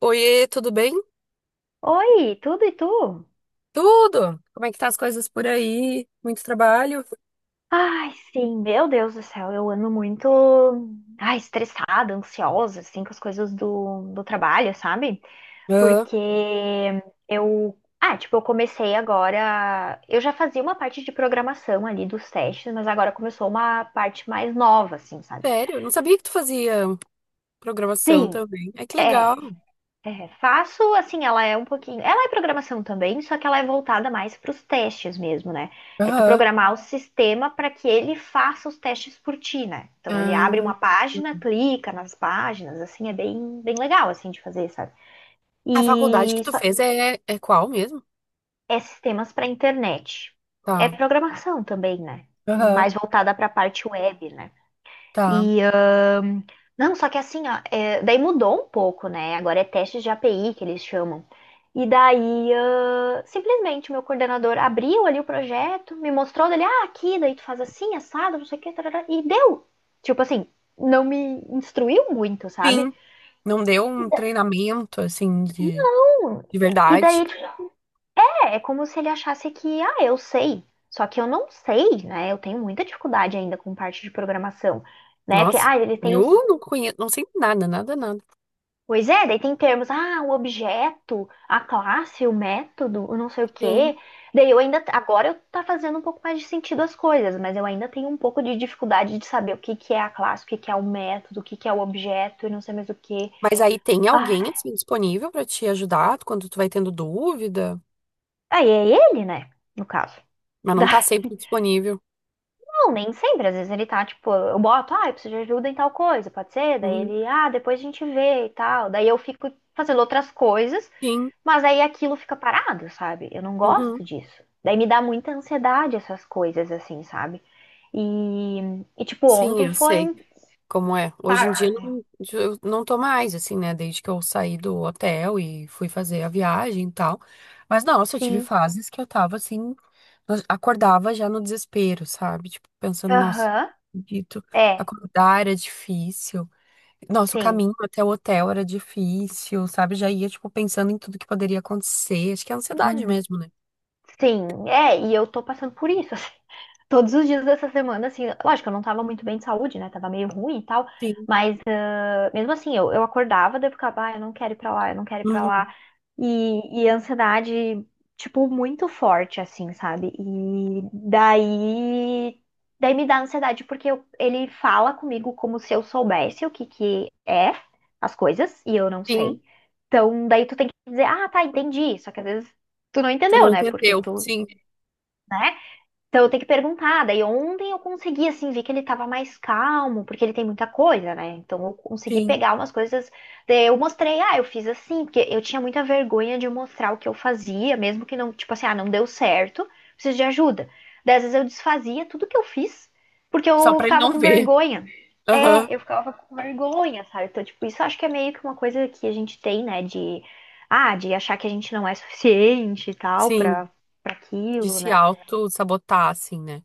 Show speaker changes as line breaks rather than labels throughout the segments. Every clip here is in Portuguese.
Oiê, tudo bem?
Oi, tudo e tu?
Tudo! Como é que tá as coisas por aí? Muito trabalho?
Ai, sim, meu Deus do céu, eu ando muito, ai, estressada, ansiosa, assim, com as coisas do trabalho, sabe?
Ah,
Porque eu, tipo, eu comecei agora, eu já fazia uma parte de programação ali dos testes, mas agora começou uma parte mais nova, assim, sabe?
sério? Não sabia que tu fazia programação
Sim,
também. É que legal.
é. É, faço, assim, ela é um pouquinho. Ela é programação também, só que ela é voltada mais para os testes mesmo, né? É tu
Aham.
programar o sistema para que ele faça os testes por ti, né? Então ele abre uma
Ah,
página, clica nas páginas, assim, é bem, bem legal, assim, de fazer, sabe?
a faculdade
E
que tu
só-
fez é, qual mesmo?
é sistemas para internet. É
Tá.
programação também, né?
Aham.
Mais voltada para a parte web, né?
Tá.
E Não, só que assim, ó, é, daí mudou um pouco, né? Agora é testes de API que eles chamam. E daí, simplesmente, o meu coordenador abriu ali o projeto, me mostrou dele, aqui, daí tu faz assim, assado, não sei o que, tarará, e deu. Tipo assim, não me instruiu muito, sabe?
Sim. Não deu um treinamento, assim, de
E
verdade.
daí, tipo, é como se ele achasse que, eu sei. Só que eu não sei, né? Eu tenho muita dificuldade ainda com parte de programação, né? Porque,
Nossa,
ele tem os.
eu não conheço, não sei nada, nada, nada.
Pois é, daí tem termos, o objeto, a classe, o método, o não sei o
Sim.
quê. Daí eu ainda, agora eu tá fazendo um pouco mais de sentido as coisas, mas eu ainda tenho um pouco de dificuldade de saber o que que é a classe, o que que é o método, o que que é o objeto e não sei mais o quê.
Mas aí tem
Ah,
alguém, assim, disponível pra te ajudar quando tu vai tendo dúvida,
aí é ele, né? No caso.
mas não tá
Da-
sempre disponível.
Não, nem sempre, às vezes ele tá, tipo, eu boto, eu preciso de ajuda em tal coisa, pode ser? Daí
Uhum.
ele, depois a gente vê e tal. Daí eu fico fazendo outras coisas.
Sim,
Mas aí aquilo fica parado, sabe? Eu não
uhum.
gosto disso. Daí me dá muita ansiedade essas coisas, assim, sabe? E, e tipo,
Sim,
ontem
eu
foi
sei
um.
como é. Hoje em dia
Tá,
eu não tô mais, assim, né? Desde que eu saí do hotel e fui fazer a viagem e tal. Mas, nossa, eu tive
sim.
fases que eu tava assim, eu acordava já no desespero, sabe? Tipo, pensando, nossa,
Aham.
não acredito,
É,
acordar era difícil. Nossa, o
sim.
caminho até o hotel era difícil, sabe? Já ia, tipo, pensando em tudo que poderia acontecer. Acho que é ansiedade
Hum,
mesmo, né?
sim. É, e eu tô passando por isso, assim. Todos os dias dessa semana, assim. Lógico, eu não tava muito bem de saúde, né? Tava meio ruim e tal.
Sim.
Mas, mesmo assim, eu, acordava, daí eu ficava, eu não quero ir pra lá, eu não quero ir pra
Uhum.
lá. E ansiedade, tipo, muito forte, assim, sabe? E daí. Daí me dá ansiedade, porque ele fala comigo como se eu soubesse o que que é as coisas, e eu não
Sim.
sei. Então, daí tu tem que dizer, ah, tá, entendi. Só que às vezes tu não
Tu
entendeu,
não
né? Porque
entendeu.
tu,
Sim,
né? Então eu tenho que perguntar. Daí ontem eu consegui, assim, ver que ele tava mais calmo, porque ele tem muita coisa, né? Então eu consegui
sim.
pegar umas coisas. Daí eu mostrei, eu fiz assim, porque eu tinha muita vergonha de mostrar o que eu fazia, mesmo que não, tipo assim, não deu certo, preciso de ajuda. Daí às vezes eu desfazia tudo que eu fiz, porque
Só
eu
pra ele
ficava
não
com
ver.
vergonha.
Aham.
É, eu ficava com vergonha, sabe? Então, tipo, isso eu acho que é meio que uma coisa que a gente tem, né? De achar que a gente não é suficiente e tal
Sim.
pra
De
aquilo,
se
né?
auto-sabotar, assim, né?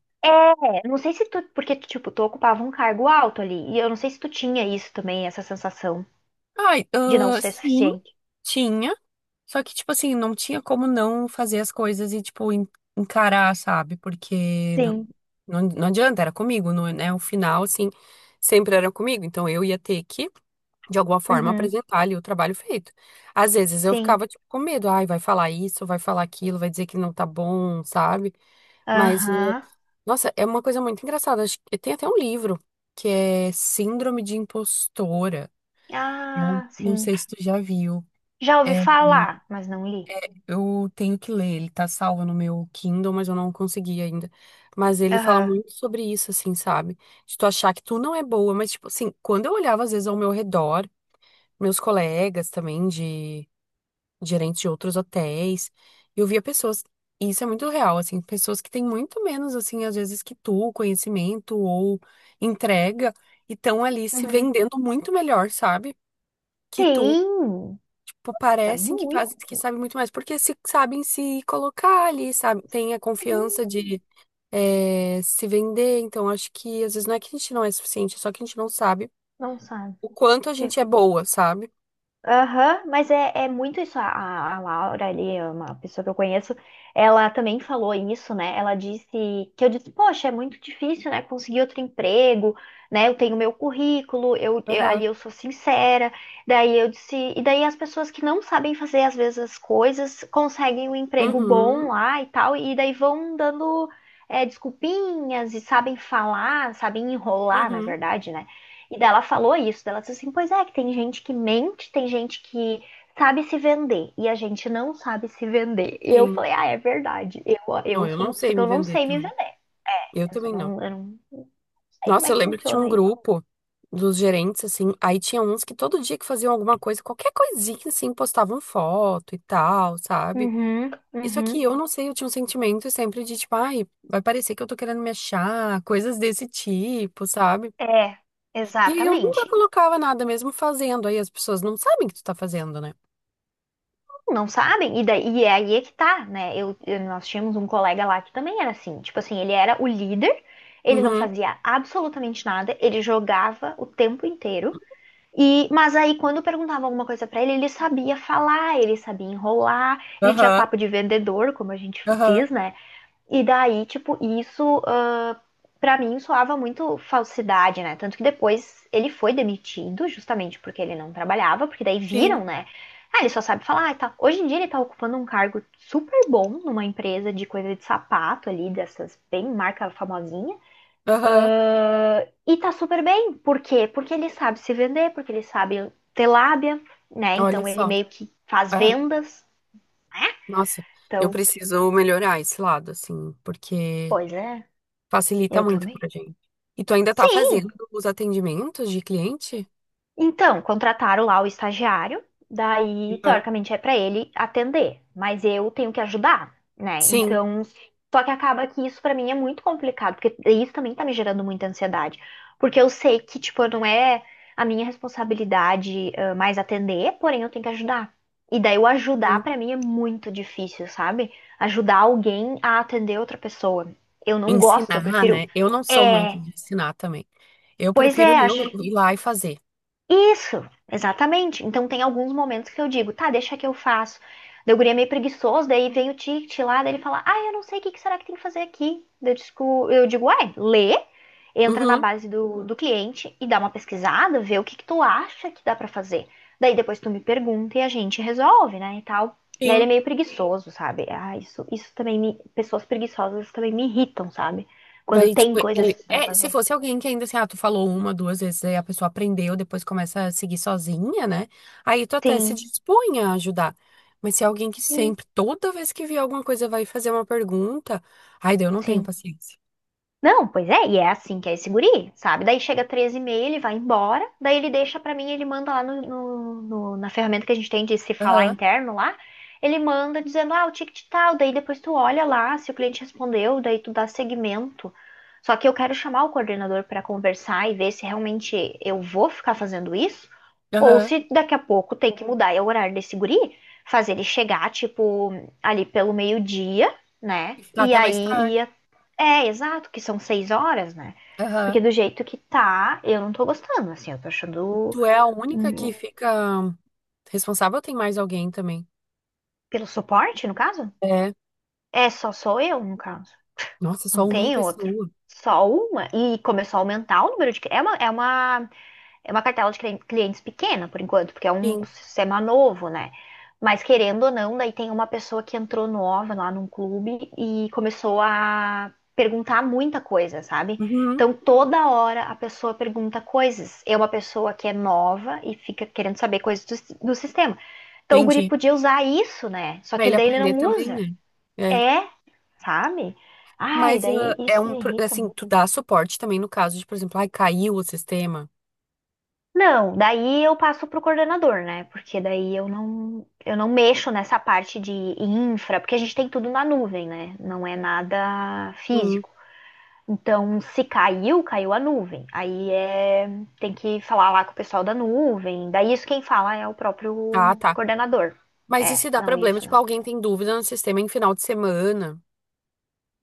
Eu não sei se tu, porque tipo, tu ocupava um cargo alto ali, e eu não sei se tu tinha isso também, essa sensação
Ai,
de não
ah,
ser
sim,
suficiente.
tinha. Só que, tipo assim, não tinha como não fazer as coisas e, tipo, encarar, sabe? Porque não,
Sim,
não, não adianta, era comigo, não, é- né? O final, assim, sempre era comigo. Então eu ia ter que, de alguma forma,
uhum,
apresentar ali o trabalho feito. Às vezes eu
sim,
ficava, tipo, com medo. Ai, vai falar isso, vai falar aquilo, vai dizer que não tá bom, sabe? Mas. eh,
aham,
Nossa, é uma coisa muito engraçada. Acho que tem até um livro que é Síndrome de Impostora. Não,
ah,
não
sim.
sei se tu já viu.
Já ouvi
É,
falar, mas não li.
eu tenho que ler, ele tá salvo no meu Kindle, mas eu não consegui ainda. Mas ele fala
Aham,
muito sobre isso, assim, sabe? De tu achar que tu não é boa, mas, tipo, assim, quando eu olhava, às vezes, ao meu redor, meus colegas também de gerentes de outros hotéis. Eu via pessoas, e isso é muito real, assim, pessoas que têm muito menos, assim, às vezes que tu, conhecimento ou entrega, e estão ali se
uhum.
vendendo muito melhor, sabe? Que tu,
Tem,
tipo,
tá
parecem que fazem, que
muito.
sabem muito mais, porque se, sabem se colocar ali, sabe? Tem a confiança de
Sim,
se vender, então acho que às vezes não é que a gente não é suficiente, é só que a gente não sabe
não sabe.
o quanto a gente é boa, sabe?
Aham, mas é muito isso. A Laura ali, é uma pessoa que eu conheço, ela também falou isso, né? Ela disse que eu disse, poxa, é muito difícil, né? Conseguir outro emprego, né? Eu tenho meu currículo,
Aham.
ali eu sou sincera. Daí eu disse, e daí as pessoas que não sabem fazer às vezes as coisas conseguem um emprego bom
Uhum.
lá e tal, e daí vão dando desculpinhas e sabem falar, sabem enrolar, na
Uhum.
verdade, né? E dela falou isso, dela disse assim, pois é, que tem gente que mente, tem gente que sabe se vender, e a gente não sabe se vender. E eu
Sim.
falei, ah, é verdade,
Não,
eu
eu
sou
não
uma
sei
pessoa que
me
eu não
vender
sei me
também.
vender,
Eu também não.
eu não sei como
Nossa,
é
eu
que
lembro que tinha um
funciona isso.
grupo dos gerentes, assim, aí tinha uns que todo dia que faziam alguma coisa, qualquer coisinha, assim, postavam foto e tal, sabe?
Uhum,
Isso aqui
uhum.
eu não sei, eu tinha um sentimento sempre de, tipo, ai, vai parecer que eu tô querendo me achar, coisas desse tipo, sabe?
É,
E aí eu nunca
exatamente.
colocava nada, mesmo fazendo, aí as pessoas não sabem que tu tá fazendo, né?
Não sabem, e, daí, e é aí é que tá, né? Nós tínhamos um colega lá que também era assim, tipo assim, ele era o líder, ele não
Uhum,
fazia absolutamente nada, ele jogava o tempo inteiro. Mas aí, quando perguntava alguma coisa pra ele, ele sabia falar, ele sabia enrolar, ele tinha
aham,
papo de vendedor, como a gente
aham,
diz, né? E daí, tipo, isso, pra mim soava muito falsidade, né? Tanto que depois ele foi demitido, justamente porque ele não trabalhava, porque daí
sim,
viram, né? Ah, ele só sabe falar e tal. Hoje em dia ele tá ocupando um cargo super bom numa empresa de coisa de sapato ali, dessas bem marca famosinha.
aham,
Ah, e tá super bem. Por quê? Porque ele sabe se vender, porque ele sabe ter lábia, né?
olha
Então ele
só.
meio que faz
É.
vendas.
Nossa, eu
Então,
preciso melhorar esse lado, assim, porque
pois é,
facilita
eu
muito
também.
pra gente. E tu ainda tá
Sim,
fazendo os atendimentos de cliente?
então, contrataram lá o estagiário, daí,
Uhum.
teoricamente, é para ele atender, mas eu tenho que ajudar, né?
Sim.
Então, só que acaba que isso para mim é muito complicado, porque isso também tá me gerando muita ansiedade, porque eu sei que, tipo, não é a minha responsabilidade, mais atender, porém eu tenho que ajudar. E daí o ajudar para
Sim.
mim é muito difícil, sabe? Ajudar alguém a atender outra pessoa. Eu não gosto, eu
Ensinar,
prefiro.
né? Eu não sou
É,
muito de ensinar também. Eu
pois
prefiro
é,
eu
acho
ir lá e fazer.
isso, exatamente. Então tem alguns momentos que eu digo, tá, deixa que eu faço. Daí o guri é meio preguiçoso, daí vem o ticket lá, daí ele fala, eu não sei o que que será que tem que fazer aqui. Daí eu digo, ué, lê, entra na
Uhum,
base do cliente e dá uma pesquisada, vê o que que tu acha que dá pra fazer. Daí depois tu me pergunta e a gente resolve, né, e tal. Daí ele
sim.
é meio preguiçoso, sabe? Ah, isso também pessoas preguiçosas também me irritam, sabe? Quando
Daí,
tem
tipo, ele.
coisas pra
É, se
fazer.
fosse alguém que ainda assim, ah, tu falou uma, duas vezes, aí a pessoa aprendeu, depois começa a seguir sozinha, né? Aí tu até se
Sim,
dispõe a ajudar. Mas se é alguém que
sim,
sempre, toda vez que vê alguma coisa, vai fazer uma pergunta, ai, daí eu não tenho
sim.
paciência.
Não, pois é, e é assim que é esse guri, sabe? Daí chega 13 e meia, ele vai embora, daí ele deixa pra mim, ele manda lá na ferramenta que a gente tem de se falar
Aham,
interno lá, ele manda dizendo, o ticket tal, daí depois tu olha lá se o cliente respondeu, daí tu dá seguimento. Só que eu quero chamar o coordenador pra conversar e ver se realmente eu vou ficar fazendo isso, ou
aham.
se daqui a pouco tem que mudar é o horário desse guri, fazer ele chegar, tipo, ali pelo meio-dia, né?
Tá
E
até mais
aí
tarde.
ir é, exato, que são 6 horas, né?
Aham.
Porque do jeito que tá, eu não tô gostando, assim, eu tô achando.
Tu é a única que
Hum.
fica responsável ou tem mais alguém também?
Pelo suporte, no caso?
É.
É, só sou eu, no caso.
Nossa, só
Não
uma
tem outro.
pessoa.
Só uma. E começou a aumentar o número de. É uma cartela de clientes pequena, por enquanto, porque é um
Sim.
sistema novo, né? Mas querendo ou não, daí tem uma pessoa que entrou nova lá num clube e começou a perguntar muita coisa, sabe?
Uhum.
Então toda hora a pessoa pergunta coisas. É uma pessoa que é nova e fica querendo saber coisas do sistema. Então o guri
Entendi.
podia usar isso, né? Só
Pra
que
ele
daí ele
aprender
não
também,
usa.
né? É.
É, sabe? Ai,
Mas
daí
ah, é
isso
um,
me irrita.
assim, tu dá suporte também no caso de, por exemplo, ai, caiu o sistema.
Não, daí eu passo para o coordenador, né? Porque daí eu não mexo nessa parte de infra, porque a gente tem tudo na nuvem, né? Não é nada
Hum.
físico. Então, se caiu, caiu a nuvem. Aí é, tem que falar lá com o pessoal da nuvem. Daí isso quem fala é o
Ah,
próprio
tá.
coordenador.
Mas e
É,
se dá
não
problema?
isso
Tipo,
não.
alguém tem dúvida no sistema em final de semana?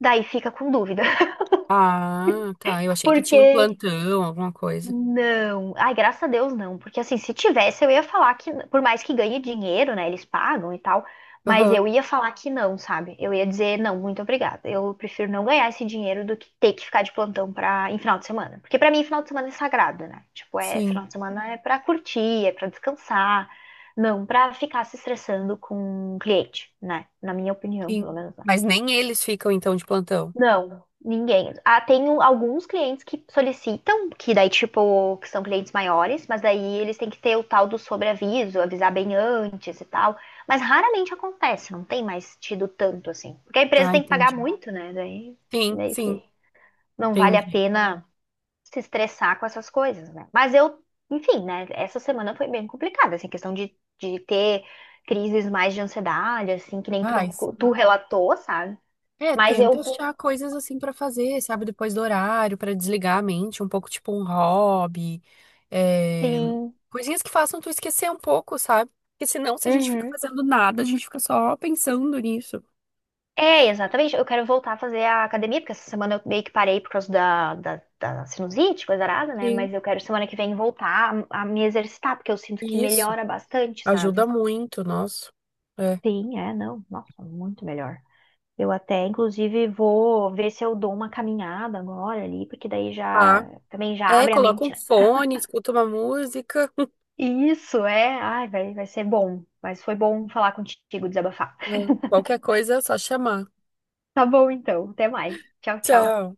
Daí fica com dúvida,
Ah, tá. Eu achei que tinha um
porque.
plantão, alguma coisa.
Não, ai, graças a Deus não, porque assim, se tivesse eu ia falar que, por mais que ganhe dinheiro, né, eles pagam e tal, mas
Aham.
eu ia falar que não, sabe? Eu ia dizer não, muito obrigada. Eu prefiro não ganhar esse dinheiro do que ter que ficar de plantão para em final de semana, porque pra mim final de semana é sagrado, né? Tipo, é
Sim,
final de semana é pra curtir, é pra descansar, não pra ficar se estressando com o cliente, né? Na minha opinião,
sim.
pelo menos, né?
Mas nem eles ficam, então, de plantão.
Não, ninguém. Ah, tem alguns clientes que solicitam, que daí, tipo, que são clientes maiores, mas daí eles têm que ter o tal do sobreaviso, avisar bem antes e tal. Mas raramente acontece, não tem mais tido tanto assim. Porque a empresa
Ah,
tem que pagar
entendi.
muito, né? Daí
Sim,
meio
sim,
que não vale a
entendi.
pena se estressar com essas coisas, né? Mas eu, enfim, né? Essa semana foi bem complicada, assim, questão de ter crises mais de ansiedade, assim, que nem tu,
Ai, sim.
tu relatou, sabe?
É,
Mas
tenta
eu,
achar coisas assim pra fazer, sabe, depois do horário, pra desligar a mente, um pouco tipo um hobby, é,
sim.
coisinhas que façam tu esquecer um pouco, sabe? Porque senão, se a gente fica
Uhum.
fazendo nada, a gente fica só pensando nisso.
É, exatamente. Eu quero voltar a fazer a academia, porque essa semana eu meio que parei por causa da sinusite, coisa arada, né?
Sim.
Mas eu quero semana que vem voltar a me exercitar, porque eu sinto que
Isso,
melhora bastante,
ajuda
sabe?
muito, nossa. É.
Sim, é, não. Nossa, muito melhor. Eu até, inclusive, vou ver se eu dou uma caminhada agora ali, porque daí já
Tá.
também já
É,
abre a
coloca
mente,
um
né?
fone, escuta uma música,
Isso, é. Ai, vai, vai ser bom. Mas foi bom falar contigo, desabafar.
qualquer coisa é só chamar.
Tá bom, então. Até mais. Tchau, tchau.
Tchau.